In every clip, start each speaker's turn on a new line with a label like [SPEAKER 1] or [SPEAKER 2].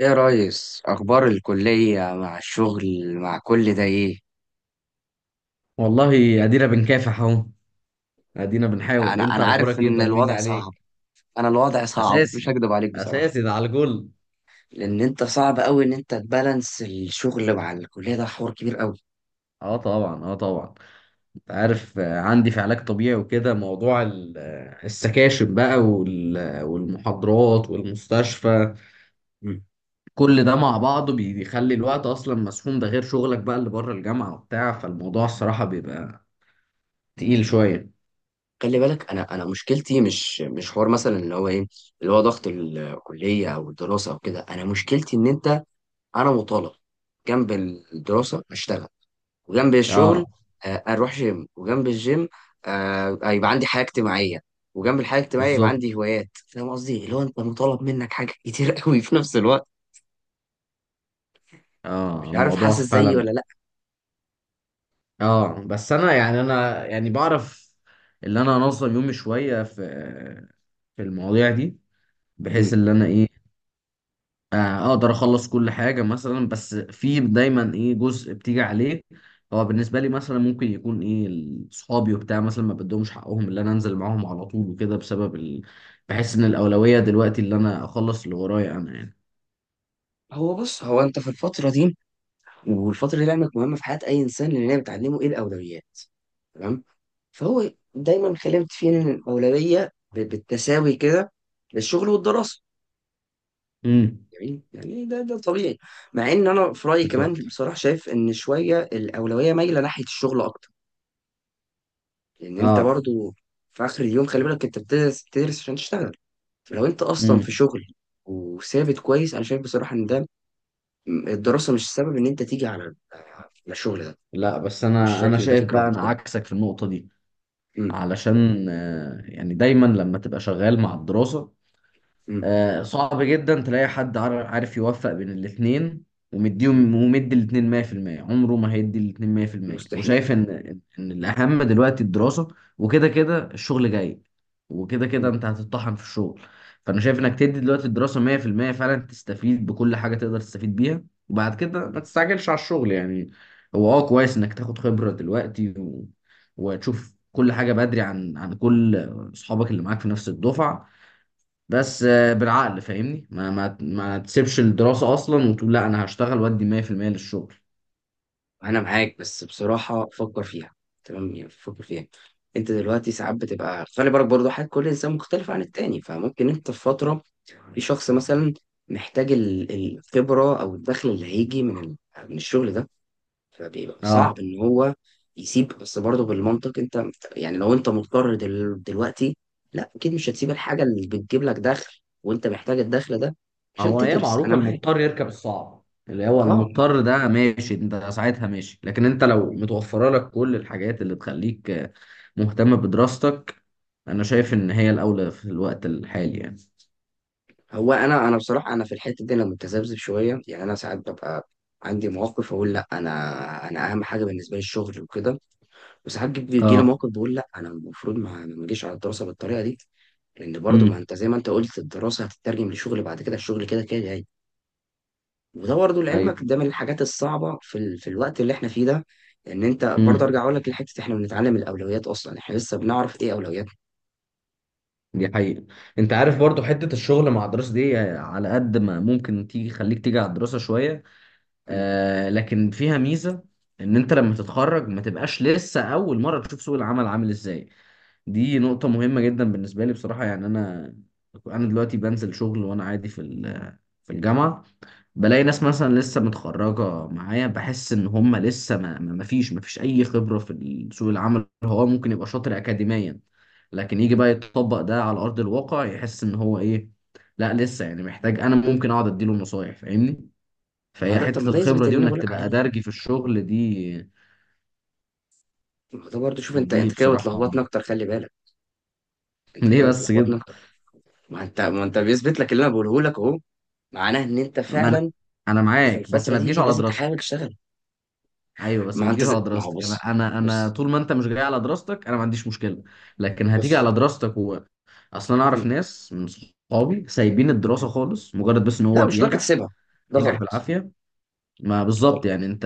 [SPEAKER 1] ايه يا ريس، اخبار الكليه مع الشغل مع كل ده ايه؟
[SPEAKER 2] والله، ادينا بنكافح اهو. ادينا بنحاول.
[SPEAKER 1] انا
[SPEAKER 2] انت
[SPEAKER 1] انا عارف
[SPEAKER 2] اخبارك ايه؟
[SPEAKER 1] ان
[SPEAKER 2] طمني
[SPEAKER 1] الوضع صعب.
[SPEAKER 2] عليك.
[SPEAKER 1] انا الوضع صعب، مش
[SPEAKER 2] اساسي،
[SPEAKER 1] هكدب عليك بصراحه.
[SPEAKER 2] اساسي ده على الجول.
[SPEAKER 1] لان انت صعب قوي ان انت تبالانس الشغل مع الكليه، ده حوار كبير قوي.
[SPEAKER 2] اه طبعا، اه طبعا. انت عارف، عندي في علاج طبيعي وكده. موضوع السكاشن بقى وال- آه، والمحاضرات والمستشفى.
[SPEAKER 1] مم.
[SPEAKER 2] كل ده مع بعضه بيخلي الوقت اصلا مسحوم، ده غير شغلك بقى اللي بره الجامعة وبتاع. فالموضوع الصراحة بيبقى تقيل شوية.
[SPEAKER 1] خلي بالك، انا مشكلتي مش حوار مثلا اللي هو ايه، اللي هو ضغط الكليه او الدراسه او كده. انا مشكلتي ان انت، انا مطالب جنب الدراسه اشتغل، وجنب الشغل
[SPEAKER 2] اه
[SPEAKER 1] اروح جيم، وجنب الجيم يبقى عندي حياه اجتماعيه، وجنب الحياه الاجتماعيه يبقى
[SPEAKER 2] بالظبط،
[SPEAKER 1] عندي هوايات. فاهم قصدي؟ اللي هو انت مطالب منك حاجه كتير قوي في نفس الوقت.
[SPEAKER 2] اه
[SPEAKER 1] مش عارف،
[SPEAKER 2] الموضوع
[SPEAKER 1] حاسس زيي
[SPEAKER 2] فعلا.
[SPEAKER 1] ولا لا؟
[SPEAKER 2] اه بس انا يعني، انا يعني بعرف اللي انا انظم يومي شويه في المواضيع دي، بحيث
[SPEAKER 1] مم.
[SPEAKER 2] اللي انا ايه، اقدر اخلص كل حاجه مثلا. بس في دايما ايه جزء بتيجي عليه، هو بالنسبه لي مثلا ممكن يكون ايه صحابي وبتاع مثلا، ما بدهمش حقهم اللي انا انزل معاهم على طول وكده بسبب بحس ان الاولويه دلوقتي اللي انا اخلص اللي ورايا انا يعني.
[SPEAKER 1] هو بص، هو انت في الفتره دي، والفتره دي لعلمك مهمه في حياه اي انسان، لان هي بتعلمه ايه الاولويات. تمام. فهو دايما خلمت فيه ان الاولويه بالتساوي كده للشغل والدراسه.
[SPEAKER 2] امم.
[SPEAKER 1] جميل، يعني ده طبيعي. مع ان انا في رايي كمان
[SPEAKER 2] بالظبط.
[SPEAKER 1] بصراحه شايف ان شويه الاولويه مايله ناحيه الشغل اكتر. لان انت
[SPEAKER 2] اه.
[SPEAKER 1] برضو في اخر اليوم، خلي بالك انت بتدرس بتدرس عشان تشتغل. فلو انت اصلا
[SPEAKER 2] امم.
[SPEAKER 1] في شغل وثابت كويس، انا شايف بصراحه ان ده الدراسه مش السبب ان انت تيجي على الشغل ده.
[SPEAKER 2] لا بس
[SPEAKER 1] مش
[SPEAKER 2] انا، انا
[SPEAKER 1] شايف ان ده
[SPEAKER 2] شايف
[SPEAKER 1] فكره
[SPEAKER 2] بقى انا
[SPEAKER 1] منطقيه.
[SPEAKER 2] عكسك في النقطه دي،
[SPEAKER 1] امم.
[SPEAKER 2] علشان يعني دايما لما تبقى شغال مع الدراسة،
[SPEAKER 1] امم.
[SPEAKER 2] صعب جدا تلاقي حد عارف يوفق بين الاتنين
[SPEAKER 1] إمم.
[SPEAKER 2] ومديهم ومدي الاتنين 100%. عمره ما هيدي الاتنين 100%.
[SPEAKER 1] مستحيل.
[SPEAKER 2] وشايف ان الاهم دلوقتي الدراسة، وكده كده الشغل جاي، وكده كده
[SPEAKER 1] إمم،
[SPEAKER 2] انت هتطحن في الشغل. فانا شايف انك تدي دلوقتي الدراسة 100% فعلا، تستفيد بكل حاجة تقدر تستفيد بيها، وبعد كده
[SPEAKER 1] إمم.
[SPEAKER 2] ما تستعجلش على الشغل يعني. هو اه كويس انك تاخد خبرة دلوقتي و... وتشوف كل حاجة بدري عن كل اصحابك اللي معاك في نفس الدفعة. بس بالعقل فاهمني، ما تسيبش الدراسة أصلا وتقول لا، أنا هشتغل وأدي 100% للشغل.
[SPEAKER 1] انا معاك، بس بصراحه فكر فيها، تمام؟ يعني فكر فيها. انت دلوقتي ساعات بتبقى، خلي بالك برضو حاجه، كل انسان مختلف عن التاني. فممكن انت في فتره، في شخص مثلا محتاج الخبره او الدخل اللي هيجي من من الشغل ده، فبيبقى صعب
[SPEAKER 2] اه.
[SPEAKER 1] ان هو يسيب. بس برضه بالمنطق انت، يعني لو انت مضطر دلوقتي، لا اكيد مش هتسيب الحاجه اللي بتجيب لك دخل وانت محتاج الدخل ده عشان
[SPEAKER 2] هو هي
[SPEAKER 1] تدرس. انا
[SPEAKER 2] معروفة،
[SPEAKER 1] معاك.
[SPEAKER 2] المضطر يركب الصعب. اللي هو
[SPEAKER 1] اه.
[SPEAKER 2] المضطر ده ماشي، انت ساعتها ماشي. لكن انت لو متوفرة لك كل الحاجات اللي تخليك مهتم بدراستك، أنا شايف إن هي الأولى في الوقت الحالي يعني.
[SPEAKER 1] هو انا بصراحه انا في الحته دي انا متذبذب شويه، يعني انا ساعات ببقى عندي مواقف اقول لا، انا انا اهم حاجه بالنسبه لي الشغل وكده. وساعات بيجي لي
[SPEAKER 2] اه.
[SPEAKER 1] مواقف بقول لا، انا المفروض ما اجيش على الدراسه بالطريقه دي. لان برضو ما
[SPEAKER 2] امم.
[SPEAKER 1] انت زي ما انت قلت، الدراسه هتترجم لشغل بعد كده، الشغل كده كده جاي. وده برضو لعلمك ده
[SPEAKER 2] ايوه.
[SPEAKER 1] من الحاجات الصعبه في في الوقت اللي احنا فيه ده. ان انت برضو
[SPEAKER 2] امم.
[SPEAKER 1] ارجع اقول لك لحته، احنا بنتعلم الاولويات، اصلا احنا لسه بنعرف ايه اولوياتنا.
[SPEAKER 2] دي حقيقة. انت عارف
[SPEAKER 1] يعني
[SPEAKER 2] برضو حتة الشغل مع الدراسة دي، على قد ما ممكن تيجي خليك تيجي على الدراسة شوية.
[SPEAKER 1] م-
[SPEAKER 2] آه، لكن فيها ميزة، ان انت لما تتخرج ما تبقاش لسه اول مرة تشوف سوق العمل عامل ازاي. دي نقطة مهمة جدا بالنسبة لي بصراحة. يعني انا، انا دلوقتي بنزل شغل وانا عادي في في الجامعة. بلاقي ناس مثلا لسه متخرجة معايا، بحس ان هم لسه، ما فيش اي خبرة في سوق العمل. هو ممكن يبقى شاطر اكاديميا، لكن يجي
[SPEAKER 1] م-
[SPEAKER 2] بقى يطبق ده على ارض الواقع يحس ان هو ايه، لا لسه يعني محتاج. انا ممكن اقعد اديله نصايح فاهمني.
[SPEAKER 1] ما هو
[SPEAKER 2] فهي
[SPEAKER 1] ده، طب
[SPEAKER 2] حتة
[SPEAKER 1] ما ده
[SPEAKER 2] الخبرة
[SPEAKER 1] يثبت
[SPEAKER 2] دي
[SPEAKER 1] اللي انا
[SPEAKER 2] وإنك
[SPEAKER 1] بقول لك
[SPEAKER 2] تبقى
[SPEAKER 1] عليه.
[SPEAKER 2] درجي في الشغل دي،
[SPEAKER 1] ده برضه شوف، انت
[SPEAKER 2] دي
[SPEAKER 1] انت كده
[SPEAKER 2] بصراحة.
[SPEAKER 1] بتلخبطني اكتر، خلي بالك. انت
[SPEAKER 2] ليه
[SPEAKER 1] كده
[SPEAKER 2] بس كده؟
[SPEAKER 1] بتلخبطني اكتر. ما انت بيثبت لك اللي انا بقوله لك اهو. معناه ان انت
[SPEAKER 2] ما أنا،
[SPEAKER 1] فعلا
[SPEAKER 2] أنا
[SPEAKER 1] في
[SPEAKER 2] معاك بس
[SPEAKER 1] الفتره
[SPEAKER 2] ما تجيش
[SPEAKER 1] دي
[SPEAKER 2] على
[SPEAKER 1] لازم تحاول
[SPEAKER 2] دراستك.
[SPEAKER 1] تشتغل.
[SPEAKER 2] أيوه بس
[SPEAKER 1] ما
[SPEAKER 2] ما
[SPEAKER 1] انت
[SPEAKER 2] تجيش
[SPEAKER 1] زي...
[SPEAKER 2] على
[SPEAKER 1] ما هو
[SPEAKER 2] دراستك. أنا
[SPEAKER 1] بص.
[SPEAKER 2] أنا أنا
[SPEAKER 1] بص.
[SPEAKER 2] طول ما أنت مش جاي على دراستك أنا ما عنديش مشكلة. لكن هتيجي
[SPEAKER 1] بص.
[SPEAKER 2] على دراستك و... أصلا أنا أعرف
[SPEAKER 1] مم.
[SPEAKER 2] ناس من
[SPEAKER 1] مم.
[SPEAKER 2] صحابي سايبين الدراسة
[SPEAKER 1] مم.
[SPEAKER 2] خالص، مجرد بس إن
[SPEAKER 1] لا،
[SPEAKER 2] هو
[SPEAKER 1] مش هتقدر
[SPEAKER 2] بينجح،
[SPEAKER 1] تسيبها، ده
[SPEAKER 2] بينجح
[SPEAKER 1] غلط.
[SPEAKER 2] بالعافية. ما
[SPEAKER 1] ده غلط.
[SPEAKER 2] بالظبط يعني أنت،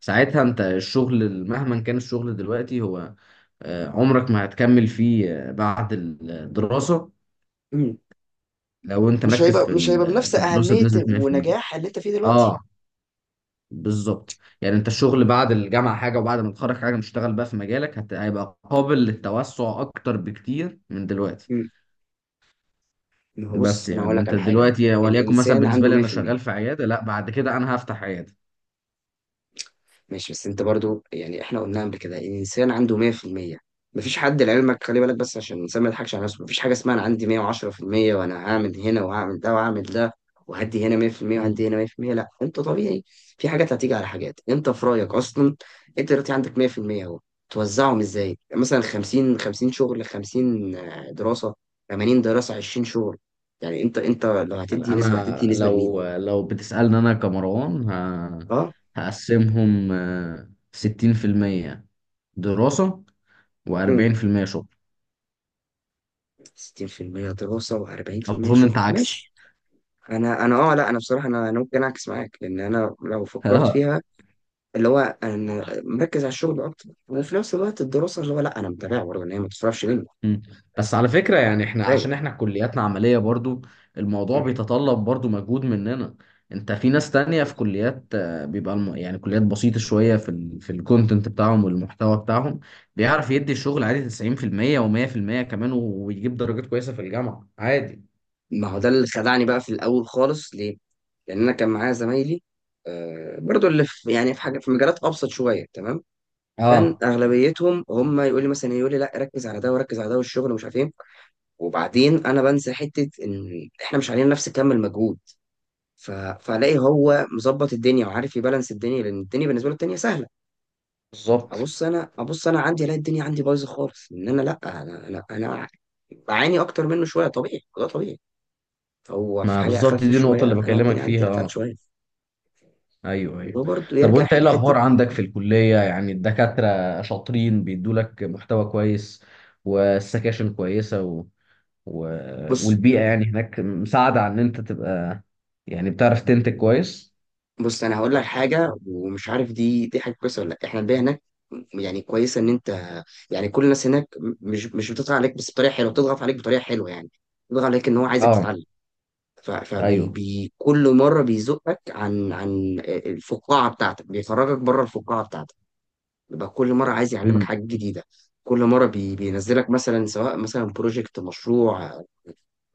[SPEAKER 2] ساعتها أنت الشغل مهما كان الشغل دلوقتي هو، عمرك ما هتكمل فيه بعد الدراسة،
[SPEAKER 1] مم.
[SPEAKER 2] لو انت
[SPEAKER 1] مش
[SPEAKER 2] مركز
[SPEAKER 1] هيبقى
[SPEAKER 2] في
[SPEAKER 1] مش هيبقى بنفس
[SPEAKER 2] في الدراسه
[SPEAKER 1] اهميه
[SPEAKER 2] بنسبه 100%.
[SPEAKER 1] ونجاح اللي انت فيه دلوقتي.
[SPEAKER 2] اه بالظبط يعني. انت الشغل بعد الجامعه حاجه، وبعد ما تتخرج حاجه، مشتغل بقى في مجالك، هيبقى قابل للتوسع اكتر بكتير من دلوقتي.
[SPEAKER 1] مم. ما هو
[SPEAKER 2] بس
[SPEAKER 1] بص، انا
[SPEAKER 2] يعني
[SPEAKER 1] هقول لك
[SPEAKER 2] انت
[SPEAKER 1] على حاجه.
[SPEAKER 2] دلوقتي، وليكن مثلا
[SPEAKER 1] الانسان
[SPEAKER 2] بالنسبه
[SPEAKER 1] عنده
[SPEAKER 2] لي انا
[SPEAKER 1] 100%،
[SPEAKER 2] شغال في عياده، لا بعد كده انا هفتح عياده.
[SPEAKER 1] ماشي؟ بس انت برضو يعني احنا قلنا قبل كده الانسان عنده 100%. مفيش حد لعلمك، خلي بالك بس عشان الانسان ما يضحكش على نفسه، مفيش حاجه اسمها انا عندي 110% وانا هعمل هنا وهعمل ده وهعمل ده، وهدي هنا 100%
[SPEAKER 2] مم.
[SPEAKER 1] وهدي هنا 100%. لا، انت طبيعي، في حاجات هتيجي على حاجات. انت في رايك اصلا انت دلوقتي عندك 100%، اهو توزعهم ازاي؟ يعني مثلا 50 50، شغل 50 دراسه؟ 80 دراسه 20 شغل؟ يعني انت لو هتدي نسبه، هتدي
[SPEAKER 2] انا
[SPEAKER 1] نسبه لمين؟
[SPEAKER 2] لو، لو بتسالني انا كمروان،
[SPEAKER 1] اه.
[SPEAKER 2] هقسمهم 60% دراسه
[SPEAKER 1] مم.
[SPEAKER 2] و40% شغل.
[SPEAKER 1] 60% دراسة و40%
[SPEAKER 2] اظن
[SPEAKER 1] شغل،
[SPEAKER 2] انت عكسي.
[SPEAKER 1] ماشي. انا اه، لا انا بصراحه، انا ممكن اعكس معاك، لان انا لو فكرت فيها، اللي هو انا مركز على الشغل اكتر، وفي نفس الوقت الدراسه اللي هو لا انا متابعها برضه ان هي ما تصرفش مني.
[SPEAKER 2] مم. بس على فكرة يعني احنا،
[SPEAKER 1] فاهم.
[SPEAKER 2] عشان احنا كلياتنا عملية برضو، الموضوع بيتطلب برضو مجهود مننا. انت في ناس تانية في كليات، بيبقى يعني كليات بسيطة شوية في في الكونتنت بتاعهم والمحتوى بتاعهم، بيعرف يدي الشغل عادي 90% و100% كمان، ويجيب درجات كويسة في الجامعة عادي.
[SPEAKER 1] ما هو ده اللي خدعني بقى في الاول خالص، ليه؟ لان انا كان معايا زمايلي برضو اللي في يعني في حاجه في مجالات ابسط شويه، تمام؟ كان
[SPEAKER 2] اه
[SPEAKER 1] اغلبيتهم هم يقول لي مثلا، يقول لي لا ركز على ده وركز على ده والشغل ومش عارف ايه. وبعدين انا بنسى حته ان احنا مش علينا نفس كم المجهود. ف... فالاقي هو مظبط الدنيا وعارف يبالانس الدنيا، لان الدنيا بالنسبه له الدنيا سهله.
[SPEAKER 2] بالظبط.
[SPEAKER 1] ابص انا، ابص انا عندي الاقي الدنيا عندي بايظه خالص، ان انا لا، انا بعاني اكتر منه شويه. طبيعي، ده طبيعي. هو في
[SPEAKER 2] ما
[SPEAKER 1] حاجه
[SPEAKER 2] بالظبط،
[SPEAKER 1] اخف
[SPEAKER 2] دي النقطة
[SPEAKER 1] شويه،
[SPEAKER 2] اللي
[SPEAKER 1] انا
[SPEAKER 2] بكلمك
[SPEAKER 1] الدنيا
[SPEAKER 2] فيها
[SPEAKER 1] عندي اتقل
[SPEAKER 2] اه.
[SPEAKER 1] شويه.
[SPEAKER 2] ايوه،
[SPEAKER 1] وده
[SPEAKER 2] ايوه.
[SPEAKER 1] برضه
[SPEAKER 2] طب
[SPEAKER 1] يرجع
[SPEAKER 2] وانت ايه
[SPEAKER 1] حته حته.
[SPEAKER 2] الاخبار عندك في الكليه؟ يعني الدكاتره شاطرين بيدوا لك محتوى كويس، والسكاشن كويسه و... و...
[SPEAKER 1] بص.
[SPEAKER 2] والبيئه يعني هناك مساعده عن ان انت تبقى، يعني بتعرف تنتج كويس؟
[SPEAKER 1] بص، انا هقول لك حاجه، ومش عارف دي حاجه كويسه ولا لا. احنا البيئه هناك يعني كويسه، ان انت، يعني كل الناس هناك مش بتضغط عليك بس بطريقه حلوه. بتضغط عليك بطريقه حلوه يعني، بتضغط عليك ان هو عايزك
[SPEAKER 2] اه.
[SPEAKER 1] تتعلم.
[SPEAKER 2] ايوه.
[SPEAKER 1] فكل مرة بيزقك عن الفقاعة بتاعتك، بيخرجك بره الفقاعة بتاعتك، يبقى كل مرة عايز يعلمك
[SPEAKER 2] امم.
[SPEAKER 1] حاجة جديدة. كل مرة بينزلك مثلا، سواء مثلا بروجكت، مشروع،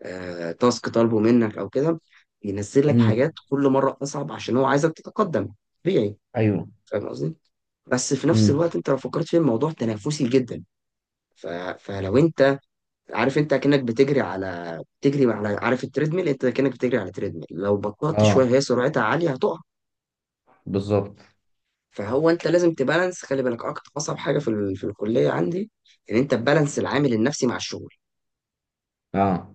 [SPEAKER 1] تاسك طالبه منك أو كده، بينزل لك حاجات
[SPEAKER 2] امم.
[SPEAKER 1] كل مرة أصعب عشان هو عايزك تتقدم. طبيعي.
[SPEAKER 2] ايوه.
[SPEAKER 1] فاهم قصدي؟ بس في نفس
[SPEAKER 2] امم.
[SPEAKER 1] الوقت أنت لو فكرت في الموضوع، تنافسي جدا. ف- فلو أنت، عارف انت اكنك بتجري على، عارف التريدميل؟ انت اكنك بتجري على تريدميل، لو بطلت
[SPEAKER 2] اه
[SPEAKER 1] شويه هي سرعتها عاليه هتقع.
[SPEAKER 2] بالظبط.
[SPEAKER 1] فهو انت لازم تبالانس، خلي بالك، اكتر اصعب حاجه في في الكليه عندي ان انت تبالانس العامل النفسي مع الشغل.
[SPEAKER 2] اه.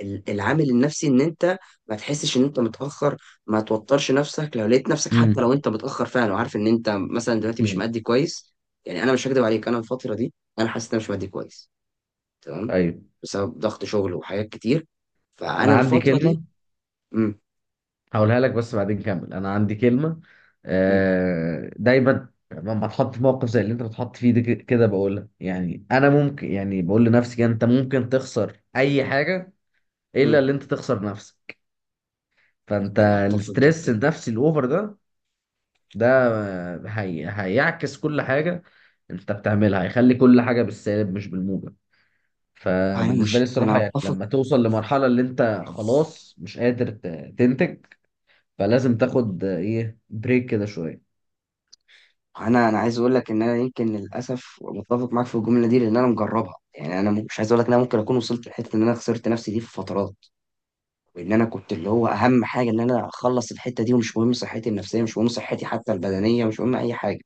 [SPEAKER 1] العامل النفسي ان انت ما تحسش ان انت متاخر، ما توترش نفسك لو لقيت نفسك حتى
[SPEAKER 2] امم.
[SPEAKER 1] لو انت متاخر فعلا، وعارف ان انت مثلا دلوقتي مش مادي
[SPEAKER 2] امم.
[SPEAKER 1] كويس. يعني انا مش هكدب عليك، انا الفتره دي انا حاسس ان انا مش مادي كويس، تمام؟
[SPEAKER 2] ايوه.
[SPEAKER 1] بسبب ضغط شغل وحاجات كتير،
[SPEAKER 2] انا
[SPEAKER 1] فانا
[SPEAKER 2] عندي
[SPEAKER 1] الفتره دي.
[SPEAKER 2] كلمه هقولها لك، بس بعدين كمل. انا عندي كلمه،
[SPEAKER 1] مم.
[SPEAKER 2] دايما لما اتحط في موقف زي اللي انت بتحط فيه ده كده بقولها، يعني انا ممكن يعني بقول لنفسي كده، انت ممكن تخسر اي حاجه الا
[SPEAKER 1] مم.
[SPEAKER 2] اللي انت تخسر نفسك. فانت
[SPEAKER 1] انا اتفق
[SPEAKER 2] الاسترس
[SPEAKER 1] جدا.
[SPEAKER 2] النفسي الاوفر ده، ده هيعكس كل حاجه انت بتعملها، هيخلي كل حاجه بالسالب مش بالموجب.
[SPEAKER 1] انا
[SPEAKER 2] فبالنسبه لي
[SPEAKER 1] مش، انا
[SPEAKER 2] الصراحه يعني،
[SPEAKER 1] اتفق.
[SPEAKER 2] لما توصل لمرحله اللي انت خلاص مش قادر تنتج، فلازم تاخد ايه بريك كده شويه.
[SPEAKER 1] انا عايز اقول لك ان انا يمكن للاسف متفق معاك في الجمله دي، لان انا مجربها. يعني انا مش عايز اقول لك ان انا ممكن اكون وصلت لحته ان انا خسرت نفسي دي في فترات، وان انا كنت اللي هو اهم حاجه ان انا اخلص الحته دي، ومش مهم صحتي النفسيه، مش مهم صحتي حتى البدنيه، مش مهم اي حاجه.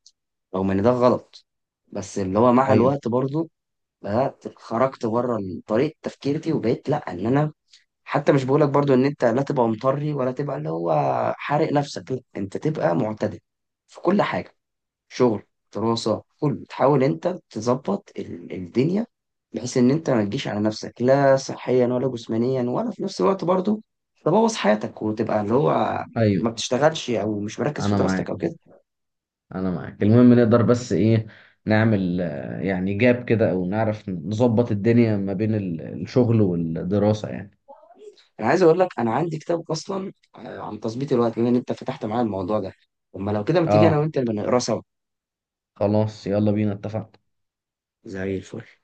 [SPEAKER 1] رغم ان ده غلط، بس اللي هو مع
[SPEAKER 2] ايوه،
[SPEAKER 1] الوقت برضو بدات خرجت بره طريقه تفكيرتي، وبقيت لا، ان انا حتى مش بقولك برضو ان انت لا تبقى مطري، ولا تبقى اللي هو حارق نفسك، لا انت تبقى معتدل في كل حاجة. شغل، دراسة، كل تحاول انت تظبط الدنيا بحيث ان انت ما تجيش على نفسك، لا صحيا ولا جسمانيا، ولا في نفس الوقت برضو تبوظ حياتك وتبقى اللي هو
[SPEAKER 2] ايوه.
[SPEAKER 1] ما بتشتغلش او مش مركز في
[SPEAKER 2] انا
[SPEAKER 1] دراستك او
[SPEAKER 2] معاك،
[SPEAKER 1] كده.
[SPEAKER 2] انا معاك. المهم نقدر بس ايه، نعمل يعني جاب كده او نعرف نظبط الدنيا ما بين الشغل والدراسة يعني.
[SPEAKER 1] انا عايز اقول لك، انا عندي كتاب اصلا عن تظبيط الوقت. بما ان انت فتحت معايا الموضوع ده، اما لو كده ما تيجي انا
[SPEAKER 2] اه،
[SPEAKER 1] وانت نبقى نقراه سوا؟
[SPEAKER 2] خلاص يلا بينا، اتفقنا.
[SPEAKER 1] زي الفل.